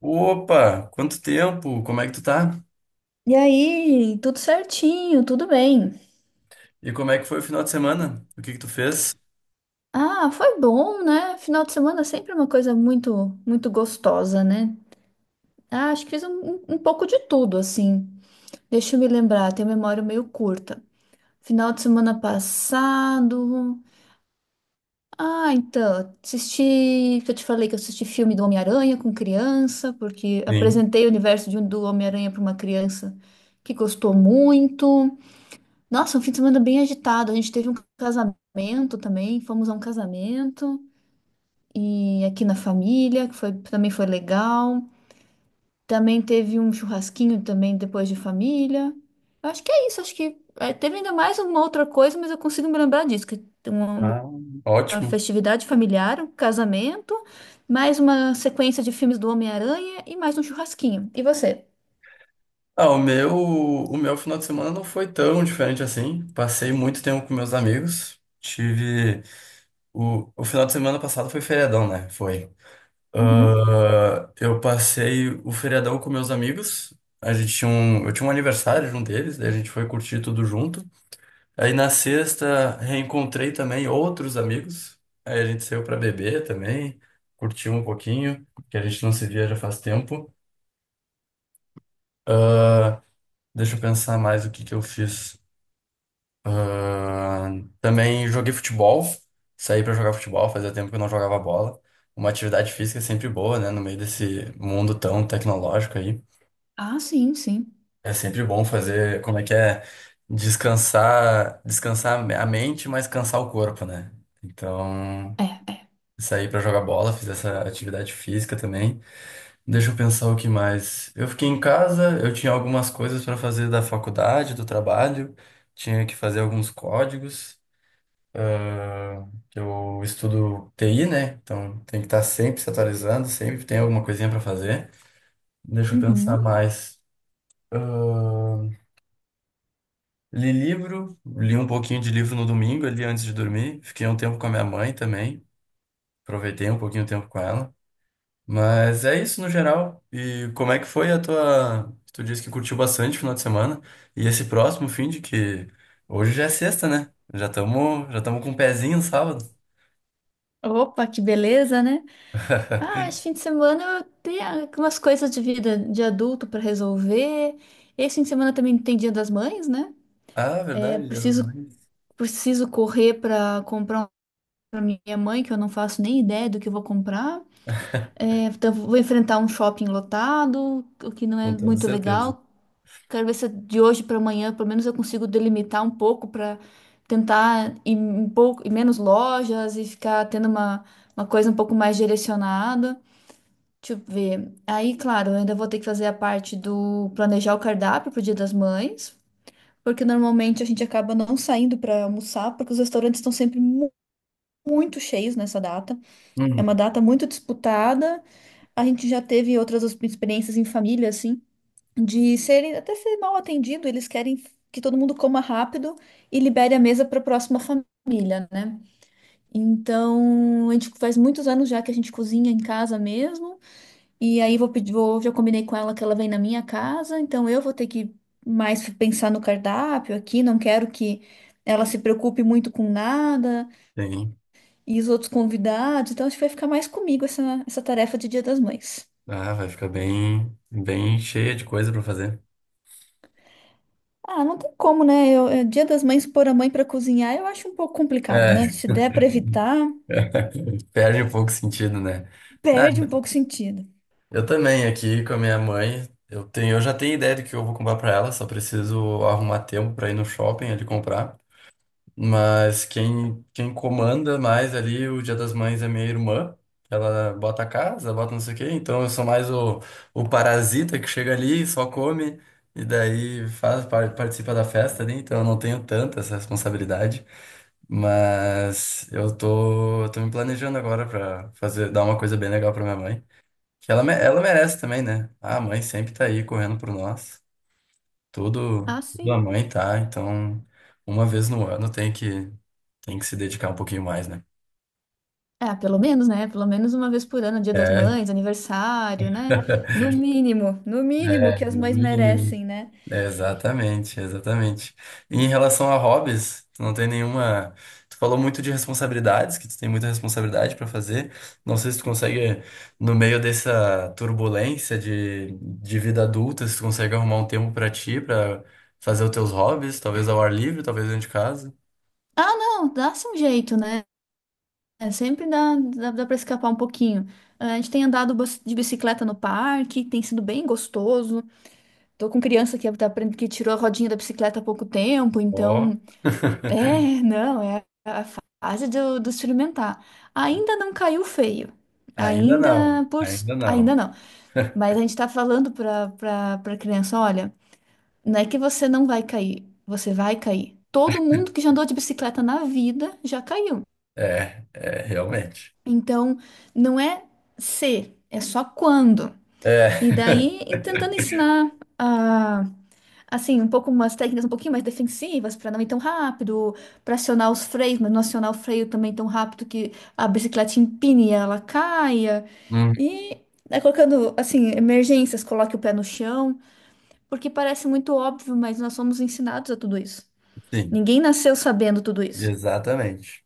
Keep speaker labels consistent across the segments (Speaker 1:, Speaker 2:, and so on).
Speaker 1: Opa, quanto tempo? Como é que tu tá?
Speaker 2: E aí, tudo certinho, tudo bem.
Speaker 1: E como é que foi o final de semana? O que que tu fez?
Speaker 2: Ah, foi bom, né? Final de semana é sempre uma coisa muito, muito gostosa, né? Ah, acho que fiz um pouco de tudo, assim. Deixa eu me lembrar, tenho memória meio curta. Final de semana passado. Ah, então, assisti. Que Eu te falei que eu assisti filme do Homem-Aranha com criança, porque
Speaker 1: Sim.
Speaker 2: apresentei o universo de do Homem-Aranha para uma criança que gostou muito. Nossa, um fim de semana bem agitado. A gente teve um casamento também, fomos a um casamento e aqui na família, que foi, também foi legal. Também teve um churrasquinho também depois de família. Eu acho que é isso, acho que é, teve ainda mais uma outra coisa, mas eu consigo me lembrar disso, que tem uma,
Speaker 1: Ah,
Speaker 2: uma
Speaker 1: ótimo.
Speaker 2: festividade familiar, um casamento, mais uma sequência de filmes do Homem-Aranha e mais um churrasquinho. E você?
Speaker 1: Ah, o meu final de semana não foi tão diferente assim. Passei muito tempo com meus amigos. Tive o final de semana passado foi feriadão, né? Foi.
Speaker 2: Uhum.
Speaker 1: Ah, eu passei o feriadão com meus amigos. A gente tinha um, eu tinha um aniversário de um deles, daí a gente foi curtir tudo junto. Aí na sexta reencontrei também outros amigos. Aí a gente saiu para beber também, curtiu um pouquinho, que a gente não se via já faz tempo. Ah, deixa eu pensar mais o que que eu fiz. Ah, também joguei futebol, saí para jogar futebol, fazia tempo que eu não jogava bola. Uma atividade física é sempre boa, né? No meio desse mundo tão tecnológico aí.
Speaker 2: Ah, sim, sim.
Speaker 1: É sempre bom fazer, como é que é? Descansar, descansar a mente, mas cansar o corpo, né? Então,
Speaker 2: É, é.
Speaker 1: saí pra jogar bola, fiz essa atividade física também. Deixa eu pensar o que mais. Eu fiquei em casa, eu tinha algumas coisas pra fazer da faculdade, do trabalho, tinha que fazer alguns códigos. ah, eu estudo TI, né? Então tem que estar sempre se atualizando, sempre tem alguma coisinha pra fazer. Deixa eu pensar
Speaker 2: Uhum.
Speaker 1: mais. Ah, li livro, li um pouquinho de livro no domingo ali antes de dormir. Fiquei um tempo com a minha mãe também, aproveitei um pouquinho o tempo com ela. Mas é isso no geral. E como é que foi a tua? Tu disse que curtiu bastante o final de semana. E esse próximo fim de que. Hoje já é sexta, né? Já estamos, já tamo com o pezinho no sábado.
Speaker 2: Opa, que beleza, né? Ah, esse fim de semana eu tenho algumas coisas de vida de adulto para resolver. Esse fim de semana também tem Dia das Mães, né?
Speaker 1: Ah,
Speaker 2: É,
Speaker 1: verdade, Dia das
Speaker 2: preciso,
Speaker 1: Mães.
Speaker 2: preciso correr para comprar uma minha mãe, que eu não faço nem ideia do que eu vou comprar. É, então vou enfrentar um shopping lotado, o que não
Speaker 1: Com
Speaker 2: é
Speaker 1: toda
Speaker 2: muito
Speaker 1: certeza.
Speaker 2: legal. Quero ver se de hoje para amanhã, pelo menos eu consigo delimitar um pouco para tentar ir um pouco, ir menos lojas e ficar tendo uma coisa um pouco mais direcionada. Deixa eu ver. Aí, claro, eu ainda vou ter que fazer a parte do planejar o cardápio pro Dia das Mães, porque normalmente a gente acaba não saindo para almoçar, porque os restaurantes estão sempre muito cheios nessa data. É
Speaker 1: Hum.
Speaker 2: uma data muito disputada. A gente já teve outras experiências em família, assim, de serem até ser mal atendido. Eles querem que todo mundo coma rápido e libere a mesa para a próxima família, né? Então, a gente faz muitos anos já que a gente cozinha em casa mesmo. E aí vou pedir, já combinei com ela que ela vem na minha casa, então eu vou ter que mais pensar no cardápio aqui, não quero que ela se preocupe muito com nada
Speaker 1: Sim.
Speaker 2: e os outros convidados, então acho que vai ficar mais comigo essa tarefa de Dia das Mães.
Speaker 1: Ah, vai ficar bem, bem cheia de coisa pra fazer.
Speaker 2: Ah, não tem como, né? Eu, é, Dia das Mães pôr a mãe pra cozinhar, eu acho um pouco complicado, né?
Speaker 1: É,
Speaker 2: Se der pra evitar,
Speaker 1: perde um pouco o sentido, né? Ah,
Speaker 2: perde um pouco o sentido.
Speaker 1: eu também aqui com a minha mãe. Eu já tenho ideia do que eu vou comprar pra ela, só preciso arrumar tempo pra ir no shopping ali comprar. Mas quem comanda mais ali o Dia das Mães é minha irmã. Ela bota a casa, bota não sei o quê. Então eu sou mais o parasita que chega ali, só come e daí faz, participa da festa ali. Então eu não tenho tanta essa responsabilidade. Mas eu tô me planejando agora pra fazer, dar uma coisa bem legal pra minha mãe. Que ela merece também, né? Ah, a mãe sempre tá aí correndo por nós. Tudo,
Speaker 2: Ah,
Speaker 1: tudo a
Speaker 2: sim.
Speaker 1: mãe tá. Então uma vez no ano tem que. Tem que se dedicar um pouquinho mais, né?
Speaker 2: É, pelo menos, né? Pelo menos uma vez por ano, Dia das
Speaker 1: É,
Speaker 2: Mães, aniversário, né? No mínimo, no mínimo
Speaker 1: é,
Speaker 2: que as
Speaker 1: no
Speaker 2: mães
Speaker 1: mínimo.
Speaker 2: merecem, né?
Speaker 1: É, exatamente, exatamente. E em relação a hobbies, tu não tem nenhuma? Tu falou muito de responsabilidades, que tu tem muita responsabilidade para fazer. Não sei se tu consegue, no meio dessa turbulência de vida adulta, se tu consegue arrumar um tempo para ti, para fazer os teus hobbies, talvez ao ar livre, talvez dentro de casa.
Speaker 2: Ah, não, dá-se um jeito, né? É, sempre dá, dá, dá para escapar um pouquinho. Ah, a gente tem andado de bicicleta no parque, tem sido bem gostoso. Tô com criança que, tá, que tirou a rodinha da bicicleta há pouco tempo,
Speaker 1: Ó.
Speaker 2: então. É, não, é a fase do experimentar. Ainda não caiu feio.
Speaker 1: Ainda não,
Speaker 2: Ainda por.
Speaker 1: ainda
Speaker 2: Ainda
Speaker 1: não.
Speaker 2: não. Mas a gente tá falando pra criança: olha, não é que você não vai cair, você vai cair. Todo mundo que já andou de bicicleta na vida já caiu.
Speaker 1: É, é, realmente.
Speaker 2: Então, não é se, é só quando. E
Speaker 1: É.
Speaker 2: daí, e tentando ensinar ah, assim, um pouco umas técnicas um pouquinho mais defensivas para não ir tão rápido, para acionar os freios, mas não acionar o freio também tão rápido que a bicicleta empine e ela caia. E né, colocando assim, emergências, coloque o pé no chão, porque parece muito óbvio, mas nós somos ensinados a tudo isso.
Speaker 1: Sim,
Speaker 2: Ninguém nasceu sabendo tudo isso.
Speaker 1: exatamente.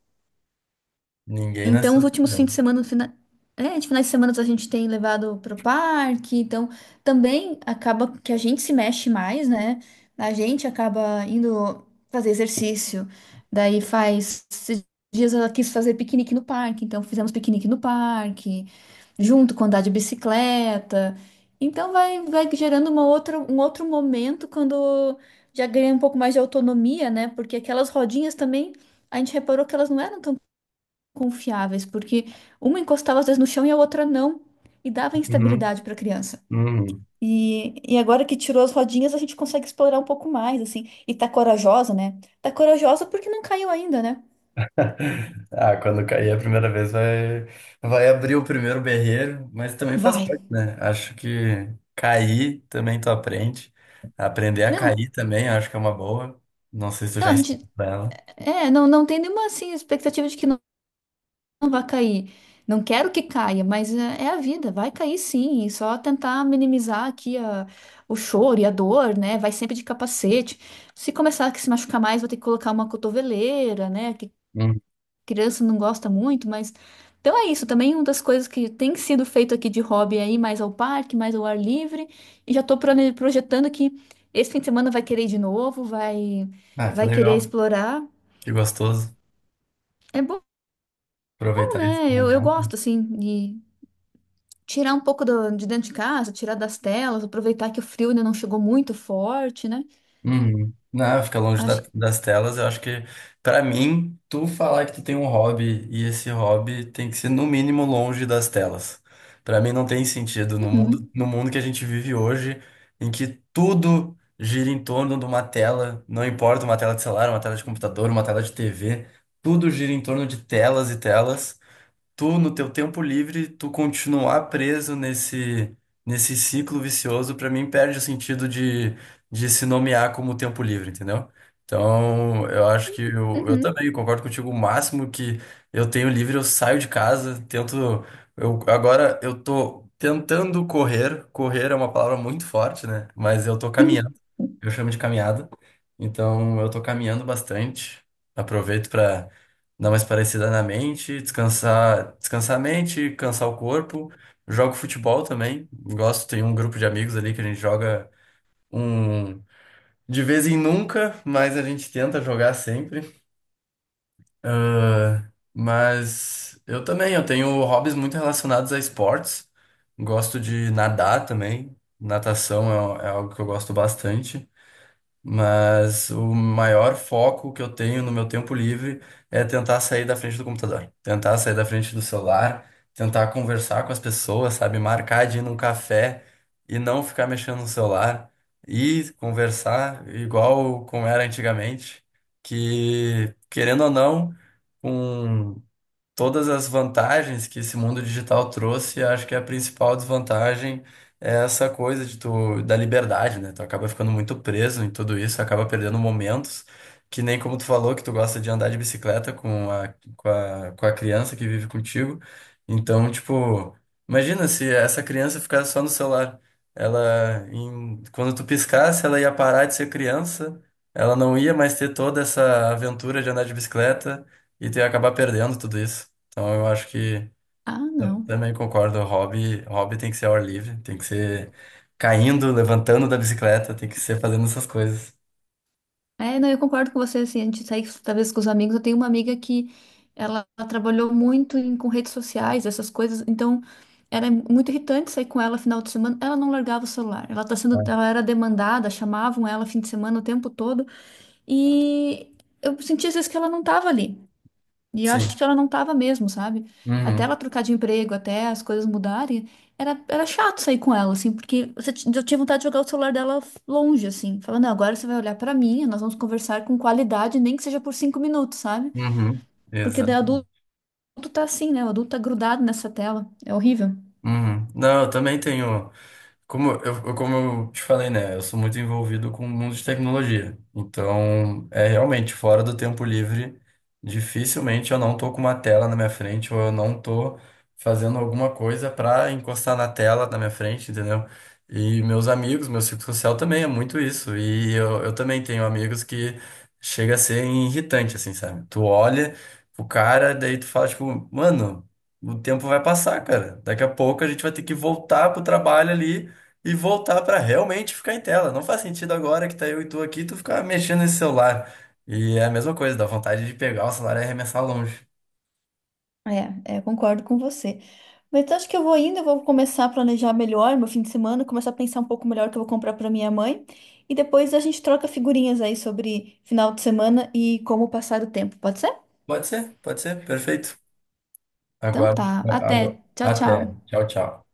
Speaker 1: Ninguém
Speaker 2: Então,
Speaker 1: nasceu
Speaker 2: os últimos fins de
Speaker 1: sabendo.
Speaker 2: semana, é, de finais de semana a gente tem levado para o parque, então também acaba que a gente se mexe mais, né? A gente acaba indo fazer exercício, daí faz esses dias ela quis fazer piquenique no parque, então fizemos piquenique no parque, junto com andar de bicicleta. Então vai gerando uma outra, um outro momento quando já ganha um pouco mais de autonomia, né? Porque aquelas rodinhas também, a gente reparou que elas não eram tão confiáveis, porque uma encostava às vezes no chão e a outra não, e dava
Speaker 1: Uhum,
Speaker 2: instabilidade para a criança.
Speaker 1: uhum.
Speaker 2: E agora que tirou as rodinhas, a gente consegue explorar um pouco mais, assim. E tá corajosa, né? Tá corajosa porque não caiu ainda, né?
Speaker 1: Quando cair a primeira vez vai, vai abrir o primeiro berreiro, mas também faz
Speaker 2: Vai.
Speaker 1: parte, né? Acho que cair também tu aprende. Aprender a
Speaker 2: Não,
Speaker 1: cair também, acho que é uma boa. Não sei se tu
Speaker 2: não,
Speaker 1: já
Speaker 2: a
Speaker 1: ensinou
Speaker 2: gente.
Speaker 1: pra ela.
Speaker 2: É, não, não tem nenhuma, assim, expectativa de que não, não vá cair. Não quero que caia, mas é, é a vida, vai cair sim. E só tentar minimizar aqui a, o choro e a dor, né? Vai sempre de capacete. Se começar a se machucar mais, vou ter que colocar uma cotoveleira, né? Que
Speaker 1: Uhum.
Speaker 2: criança não gosta muito, mas. Então é isso, também uma das coisas que tem sido feito aqui de hobby aí, mais ao parque, mais ao ar livre, e já estou projetando que esse fim de semana vai querer ir de novo, vai,
Speaker 1: Ah, que
Speaker 2: vai querer
Speaker 1: legal,
Speaker 2: explorar.
Speaker 1: que gostoso
Speaker 2: É bom,
Speaker 1: aproveitar esse
Speaker 2: né? Eu
Speaker 1: momento.
Speaker 2: gosto, assim, de tirar um pouco de dentro de casa, tirar das telas, aproveitar que o frio ainda não chegou muito forte, né?
Speaker 1: Uhum. Não, fica longe
Speaker 2: Acho que.
Speaker 1: das telas. Eu acho que, pra mim, tu falar que tu tem um hobby, e esse hobby tem que ser no mínimo longe das telas. Pra mim não tem sentido no mundo,
Speaker 2: Uhum,
Speaker 1: no mundo que a gente vive hoje, em que tudo gira em torno de uma tela, não importa uma tela de celular, uma tela de computador, uma tela de TV, tudo gira em torno de telas e telas. Tu, no teu tempo livre, tu continuar preso nesse ciclo vicioso, pra mim perde o sentido de se nomear como tempo livre, entendeu? Então, eu acho que eu
Speaker 2: uhum.
Speaker 1: também concordo contigo. O máximo que eu tenho livre, eu saio de casa, tento. Agora eu tô tentando correr. Correr é uma palavra muito forte, né? Mas eu tô caminhando. Eu chamo de caminhada. Então, eu tô caminhando bastante. Aproveito para dar uma esparecida na mente, descansar, descansar a mente, cansar o corpo. Jogo futebol também, gosto, tem um grupo de amigos ali que a gente joga um de vez em nunca, mas a gente tenta jogar sempre. Ah, mas eu tenho hobbies muito relacionados a esportes. Gosto de nadar também. Natação é algo que eu gosto bastante. Mas o maior foco que eu tenho no meu tempo livre é tentar sair da frente do computador, tentar sair da frente do celular, tentar conversar com as pessoas, sabe? Marcar de ir num café e não ficar mexendo no celular e conversar igual como era antigamente, que querendo ou não, com todas as vantagens que esse mundo digital trouxe, acho que a principal desvantagem é essa coisa de tu, da liberdade, né? Tu acaba ficando muito preso em tudo isso, acaba perdendo momentos, que nem como tu falou, que tu gosta de andar de bicicleta com a criança que vive contigo. Então, tipo, imagina se essa criança ficasse só no celular. Ela, quando tu piscasse, ela ia parar de ser criança, ela não ia mais ter toda essa aventura de andar de bicicleta e tu ia acabar perdendo tudo isso. Então eu acho que
Speaker 2: Ah, não.
Speaker 1: também concordo, hobby tem que ser ao ar livre, tem que ser caindo, levantando da bicicleta, tem que ser fazendo essas coisas.
Speaker 2: É, não, eu concordo com você, assim, a gente sai talvez com os amigos, eu tenho uma amiga que ela trabalhou muito com redes sociais, essas coisas, então era muito irritante sair com ela final de semana, ela não largava o celular, ela tá sendo,
Speaker 1: É.
Speaker 2: ela era demandada, chamavam ela fim de semana o tempo todo, e eu sentia às vezes que ela não estava ali. E eu
Speaker 1: Sim.
Speaker 2: acho que ela não tava mesmo, sabe? Até ela
Speaker 1: Uhum.
Speaker 2: trocar de emprego, até as coisas mudarem, era chato sair com ela, assim, porque eu tinha vontade de jogar o celular dela longe, assim, falando, não, agora você vai olhar pra mim, nós vamos conversar com qualidade, nem que seja por 5 minutos, sabe?
Speaker 1: Uhum.
Speaker 2: Porque daí
Speaker 1: Exato.
Speaker 2: adulto tá assim, né? O adulto tá grudado nessa tela, é horrível.
Speaker 1: Uhum. Não, eu também tenho. Como eu, como eu te falei, né? Eu sou muito envolvido com o mundo de tecnologia. Então, é realmente fora do tempo livre, dificilmente eu não tô com uma tela na minha frente ou eu não tô fazendo alguma coisa pra encostar na tela na minha frente, entendeu? E meus amigos, meu círculo social também é muito isso. E eu também tenho amigos que chega a ser irritante, assim, sabe? Tu olha pro cara, daí tu fala, tipo, mano. O tempo vai passar, cara. Daqui a pouco a gente vai ter que voltar pro trabalho ali e voltar pra realmente ficar em tela. Não faz sentido agora que tá eu e tu aqui, tu ficar mexendo nesse celular. E é a mesma coisa, dá vontade de pegar o celular e arremessar longe.
Speaker 2: É, é, concordo com você. Mas eu acho que eu vou indo, eu vou começar a planejar melhor meu fim de semana, começar a pensar um pouco melhor o que eu vou comprar para minha mãe. E depois a gente troca figurinhas aí sobre final de semana e como passar o tempo, pode ser?
Speaker 1: Pode ser, perfeito.
Speaker 2: Então
Speaker 1: Agora,
Speaker 2: tá, até. Tchau,
Speaker 1: Até.
Speaker 2: tchau.
Speaker 1: Tchau, tchau.